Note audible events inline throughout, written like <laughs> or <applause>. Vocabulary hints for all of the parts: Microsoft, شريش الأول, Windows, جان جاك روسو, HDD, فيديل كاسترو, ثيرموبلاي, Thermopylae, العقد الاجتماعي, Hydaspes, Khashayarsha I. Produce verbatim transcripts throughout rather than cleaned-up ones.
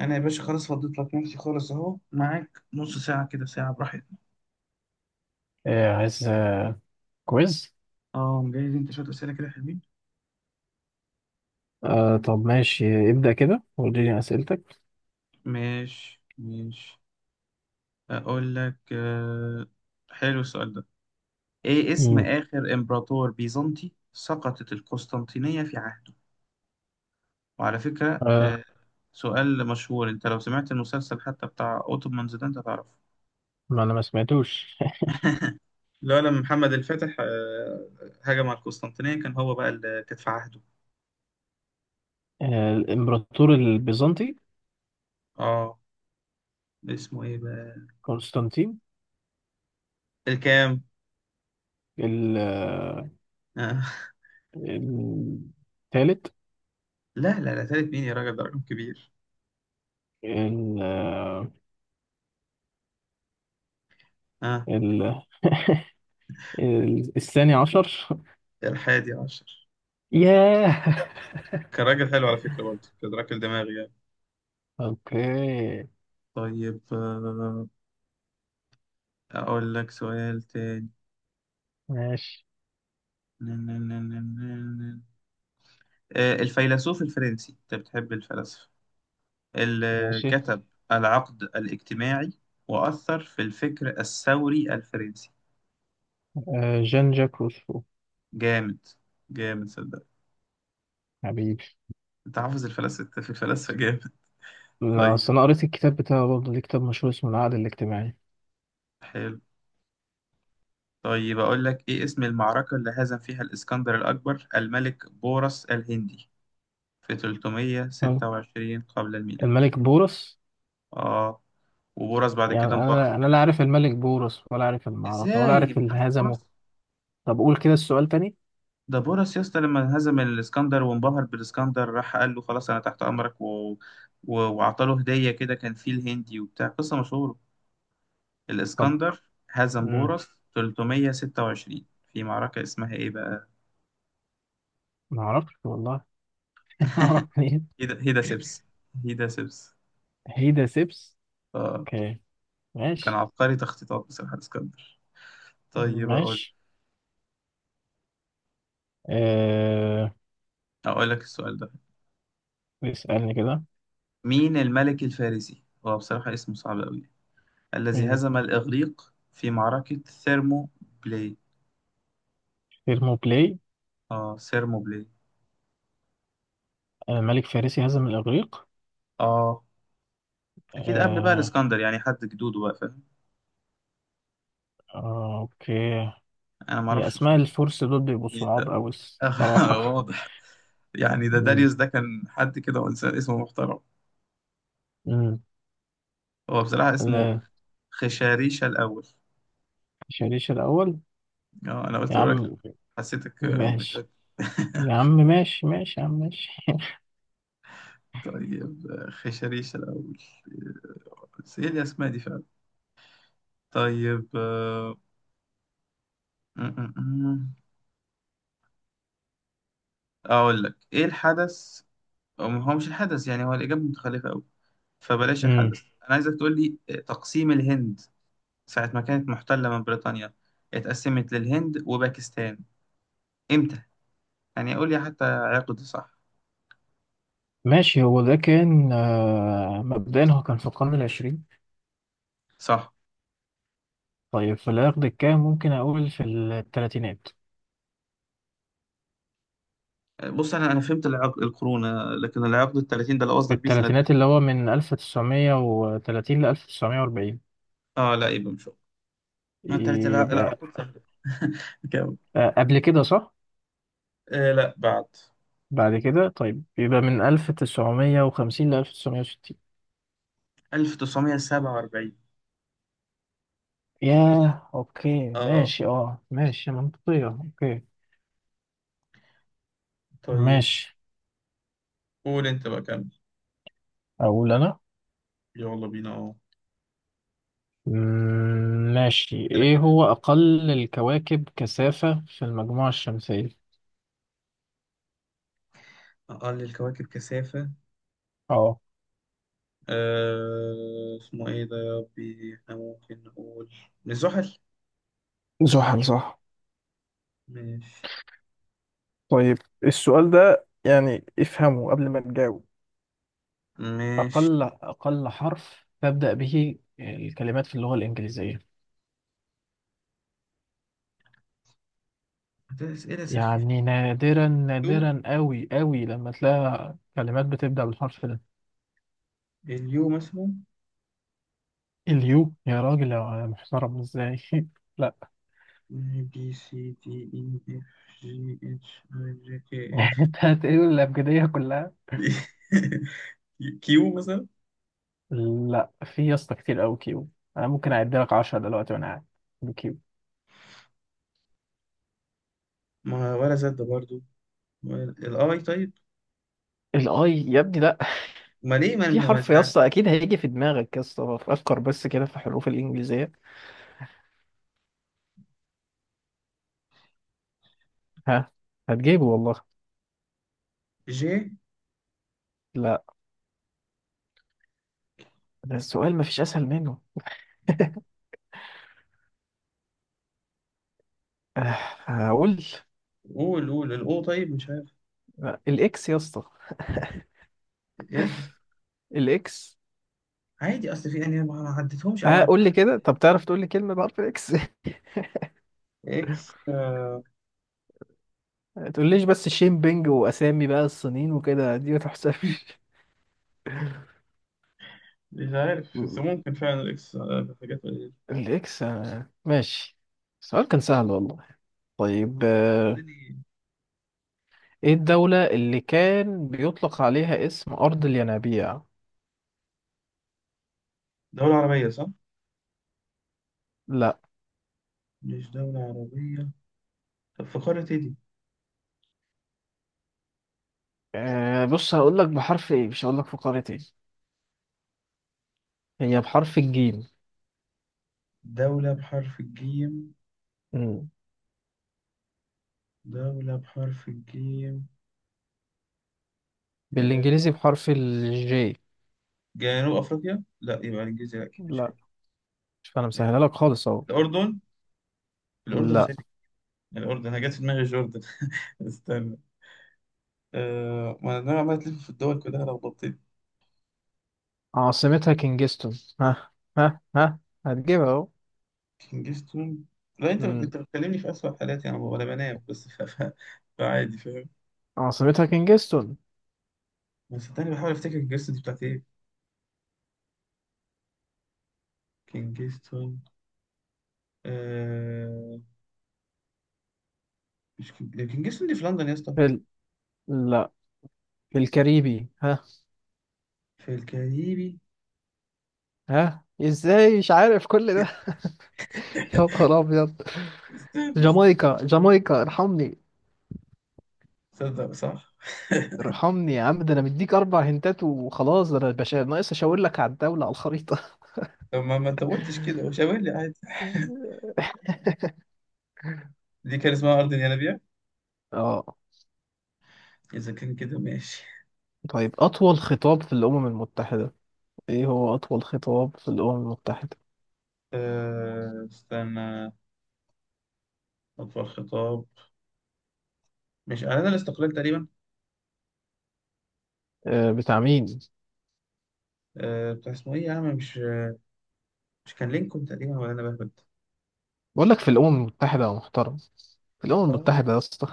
انا يا باشا خلاص فضيت لك نفسي خالص، اهو معاك نص ساعه كده، ساعه براحتنا. إيه عايز آه، كويز. اه، مجهز انت شويه اسئله كده حلوين؟ آه طب ماشي ابدأ كده واديني أسئلتك. ماشي ماشي. اقول لك، آه، حلو السؤال ده. ايه اسم مم. اخر امبراطور بيزنطي سقطت القسطنطينيه في عهده؟ وعلى فكره، آه، آه، سؤال مشهور، انت لو سمعت المسلسل حتى بتاع اوتومانز ده انت تعرفه. ما أنا ما سمعتوش. <laughs> لا، لما محمد الفاتح آه، هجم على القسطنطينيه، كان هو بقى اللي كانت في عهده. آه، الإمبراطور البيزنطي اه، اسمه ايه بقى؟ قسطنطين. الكام؟ ال- آه، <laughs> الثالث. لا لا لا، تالت مين يا راجل؟ ده رقم كبير. ال- آه، اه، ال- <laughs> ال- الثاني عشر. <laughs> ده الحادي عشر. ياه، كان راجل حلو على فكرة، برضه كان راجل دماغي يعني. أوكي طيب، آه، أقول لك سؤال تاني. ماشي نن- نن- نن- نن- نن. آه، الفيلسوف الفرنسي، أنت بتحب الفلاسفة، اللي ماشي. كتب العقد الاجتماعي وأثر في الفكر الثوري الفرنسي. آه، جان جاك روسو. جامد. جامد صدق. حبيبي. أنت حافظ الفلاسفة في الفلاسفة جامد. لا، طيب، أصل أنا قريت الكتاب بتاعه برضه، ليه كتاب مشهور اسمه العقد الاجتماعي. حلو. طيب، أقول لك، إيه اسم المعركة اللي هزم فيها الإسكندر الأكبر الملك بورس الهندي في أه. ثلاثمية وستة وعشرين قبل الميلاد؟ الملك بورس. آه، وبورس بعد يعني كده انبهر انا انا لا بالإس- عارف الملك بورس ولا عارف المعركه ولا إزاي عارف اللي متعرفش هزمه. بورس؟ طب قول كده السؤال تاني. ده بورس يا اسطى، لما هزم الإسكندر وانبهر بالإسكندر راح قال له خلاص أنا تحت أمرك، و... و... وأعطاله هدية كده، كان فيل هندي وبتاع قصة مشهورة. طب. الإسكندر هزم مم. بورس ثلاثمية وستة وعشرين، في معركة اسمها إيه بقى؟ ما اعرفش والله. <laughs> اعرف منين؟ هيدا, هيدا سبس. هيدا سبس. هيدا سيبس. اوكي. كان ماشي عبقري تخطيطات بصراحة اسكندر. طيب، أقول ماشي. آه... أقول لك السؤال ده. اسالني كده. مين الملك الفارسي؟ هو بصراحة اسمه صعب أوي، الذي مم. هزم الإغريق في معركة ثيرمو بلاي. ثيرموبلاي. آه، ثيرمو بلاي. آه، ملك فارسي هزم الاغريق. آه، أكيد قبل بقى آه... الإسكندر يعني، حد جدوده بقى فاهم. آه... اوكي. أنا هي معرفش اسماء بصراحة. الفرس دول بيبقوا مين صعاب ده؟ قوي. <laughs> الصراحه. واضح. يعني ده <laughs> مم. داريوس، ده كان حد كده وإنسان اسمه محترم. مم. هو بصراحة اسمه آه... خشاريشا الأول. شريش الاول. آه، أنا قلت يا أقول لك، عم حسيتك آه، مش ماشي قادر. يا <laughs> عم ماشي ماشي يا عم ماشي. طيب، آه، خشريش الأول، بس إيه الأسماء دي فعلا. طيب، آه، م- م- م. أقول لك، إيه الحدث؟ أو هو مش الحدث، يعني هو الإجابة متخلفة أوي، فبلاش امم الحدث. أنا عايزك تقول لي، آه، تقسيم الهند ساعة ما كانت محتلة من بريطانيا، اتقسمت للهند وباكستان، إمتى؟ يعني قول لي حتى عقد. صح؟ ماشي، هو ده كان، آه، مبدئيا، هو كان في القرن العشرين. صح. طيب، في العقد الكام؟ ممكن أقول في التلاتينات. آه، بص أنا أنا فهمت، العقد القرون، آه، لكن العقد ال ثلاثين ده اللي في قصدك بيه سنة؟ التلاتينات، اللي هو من ألف وتسعمية وتلاتين ل ألف وتسعمية واربعين. آه لا، يبقى مش هو. ما تلات يبقى، العقود سهلة. <laughs> آه، قبل كده، صح؟ آه لا، بعد. بعد كده، طيب، يبقى من ألف وتسعمية وخمسين ل ألف وتسعمية وستين. ألف وتسعمية وسبعة وأربعين. ياه، أوكي اه، ماشي، أه ماشي، منطقية. أوكي طيب. ماشي. قول انت بقى، كمل. أقول أنا. يلا بينا، اه. مم، ماشي. كده ايه كده. هو اقل الكواكب كثافة في المجموعة الشمسية؟ أقل الكواكب كثافة. اه. آه اسمه إيه ده يا ربي، إحنا ممكن نقول الزحل. زحل، صح. ماشي. طيب. السؤال ده يعني افهمه قبل ما تجاوب. ماشي. اقل اقل حرف تبدأ به الكلمات في اللغة الإنجليزية. ده أسئلة سخيفة. يعني نادرا يو، نادرا قوي قوي لما تلاقي كلمات بتبدأ بالحرف ده. اليو مثلا. اليو؟ يا راجل يا محترم، ازاي؟ <laughs> لا. بي سي دي إي إف، جي إتش، آي جي كي إف. <laughs> انت هتقول الأبجدية كلها. <laughs> كيو مثلا. لا، في يا اسطى كتير قوي كيو. انا ممكن اعد لك عشرة دلوقتي وانا قاعد بكيو. ما ولا زد برضو، ولا- الآي طيب. الاي يا ابني لا. ما ليه <laughs> ما في أنا حرف مش. يا اسطى اكيد هيجي في دماغك، يا اسطى فكر بس كده في حروف الانجليزيه. ها. هتجيبه والله. جي. لا. ده السؤال مفيش اسهل منه. آه، هقول. قول، قول الاو طيب، مش عارف. لا، الاكس يا اسطى. اكس. الاكس. عادي، اصل في انا ما ما عدتهمش او اه، مركز. قول لي كده. طب تعرف تقول لي كلمه بحرف الاكس؟ <laughs> اكس آه ما تقوليش بس شيمبينج واسامي بقى الصينيين وكده، دي ما تحسبش. مش عارف، بس ممكن فعلا الاكس، آه، في حاجات قليلة. الاكس، آه، ماشي. السؤال كان سهل والله. طيب، آه، تاني. ايه الدولة اللي كان بيطلق عليها اسم أرض الينابيع؟ دولة عربية، صح؟ لا. مش دولة عربية. طب في قارة ايه دي؟ آه، بص هقول لك بحرف ايه، مش هقول لك في قارة ايه. هي بحرف الجيم. دولة بحرف الجيم. مم. دولة بحرف الجيم؟ آه. بالانجليزي بحرف الجي. جنوب افريقيا؟ لا، يبقى الجزيرة اكيد مش هي. لا، مش انا آه، مسهلها لك خالص اهو. الاردن. الاردن لا، ازاي؟ الاردن انا جت في دماغي جوردن. <laughs> استنى. آه، ما انا عمال تلف في الدول كلها لخبطتني. عاصمتها كينجستون. ها ها ها، هتجيبها اهو. كينجستون. لا، انت بت- مم. انت بتكلمني في اسوأ حالاتي، انا ولا بنام، بس ف... ف... فعادي، فاهم. عاصمتها كينجستون. بس صدقني بحاول افتكر كينجستون دي بتاعت ايه. كينجستون. آه... مش كينج... لا، كينجستون دي في لندن يا اسطى. في ال... لا، في الكاريبي. ها، في الكاريبي. ها ازاي مش عارف كل ده؟ <laughs> يا نهار ابيض. استنى استنى. جامايكا جامايكا، ارحمني. صدق، صح. <laughs> ارحمني يا عم، ده انا مديك اربع هنتات وخلاص، ده انا باشا ناقص اشاور لك على الدولة على الخريطة. طب ما ما انت قلتش كده، وشاور لي عادي. <laughs> <laughs> دي كان اسمها ارض ينابيع. اه. اذا كان كده، ماشي. طيب، اطول خطاب في الامم المتحدة. ايه هو اطول خطاب في الامم المتحدة؟ آه... استنى. اطول خطاب. مش اعلان الاستقلال تقريبا. آه، بتاع مين؟ آه... بتاع اسمه ايه يا عم، مش مش كان لينكولن تقريبا، ولا انا بهبد. بقول لك في الامم المتحدة يا محترم. في الامم آه. المتحدة يا اسطى.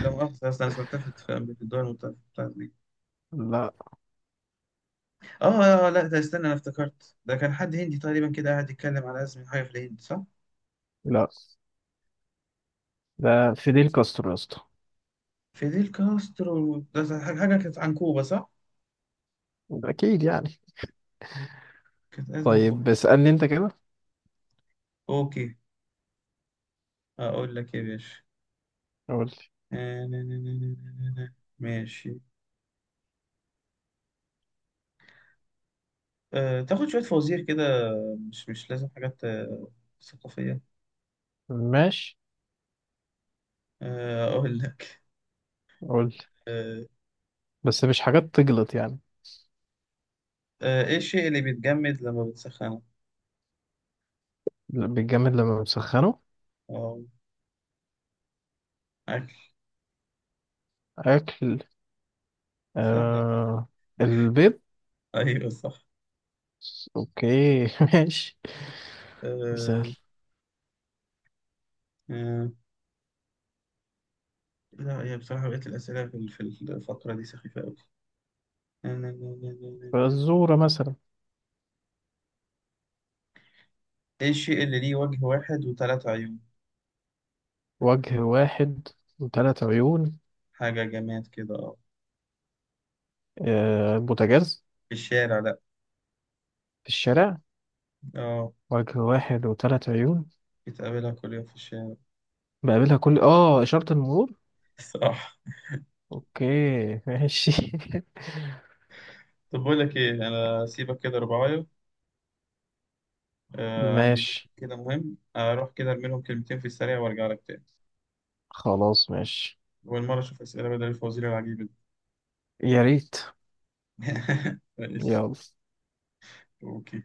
ده مؤاخذة، أصلا أنا سمعتها في في الدول المتوسطة بتاعت دي. لا. آه آه، آه، لا، ده استنى، أنا افتكرت ده كان حد هندي تقريبا كده قاعد يتكلم على أزمة حاجة في الهند، صح؟ لا، ده فيديل كاسترو يا اسطى. فيديل كاسترو ده، حاجة حاجة كانت عن كوبا، صح؟ اكيد يعني. كانت أزمة في كوبا. طيب، اسالني انت كده. أوكي. أقول لك إيه يا باشا. قول لي. آه، نا- نا- نا- نا- نا- نا- نا. ماشي. أه، تاخد شوية فوازير كده. مش مش لازم حاجات آه، ثقافية. ماشي، آه، أقول لك. قول لي، أه. بس مش حاجات تجلط يعني. آه، إيه الشيء اللي بيتجمد لما بتسخنه؟ لا، بيتجمد لما بنسخنه. أه. أكل. اكل. سهلة. آه، البيض. أيوه صح. اوكي. <laughs> ماشي. دي سهل. آه. آه لا، هي بصراحة بقيت الأسئلة في في الفقرة دي سخيفة أوي. فالزورة مثلا. إيه الشيء اللي ليه وجه واحد وثلاث عيون؟ وجه واحد وثلاث عيون. حاجة جماد كده، أه. آه، بوتاجاز. في الشارع، لأ. في الشارع. أه. وجه واحد وثلاث عيون. بتقابلها كل يوم في الشارع. بقابلها كل اه إشارة المرور. <laughs> صح. اوكي، ماشي. <laughs> طب بقول لك إيه، أنا سيبك كده ربعاية. آه عندي ميتنج ماشي كده مهم، أروح كده أرمي لهم كلمتين في السريع وأرجع لك تاني. خلاص ماشي. والمرة أشوف أسئلة بدل الفوازير العجيبة دي. يا ريت. <laughs> ماشي. يلا. أوكي.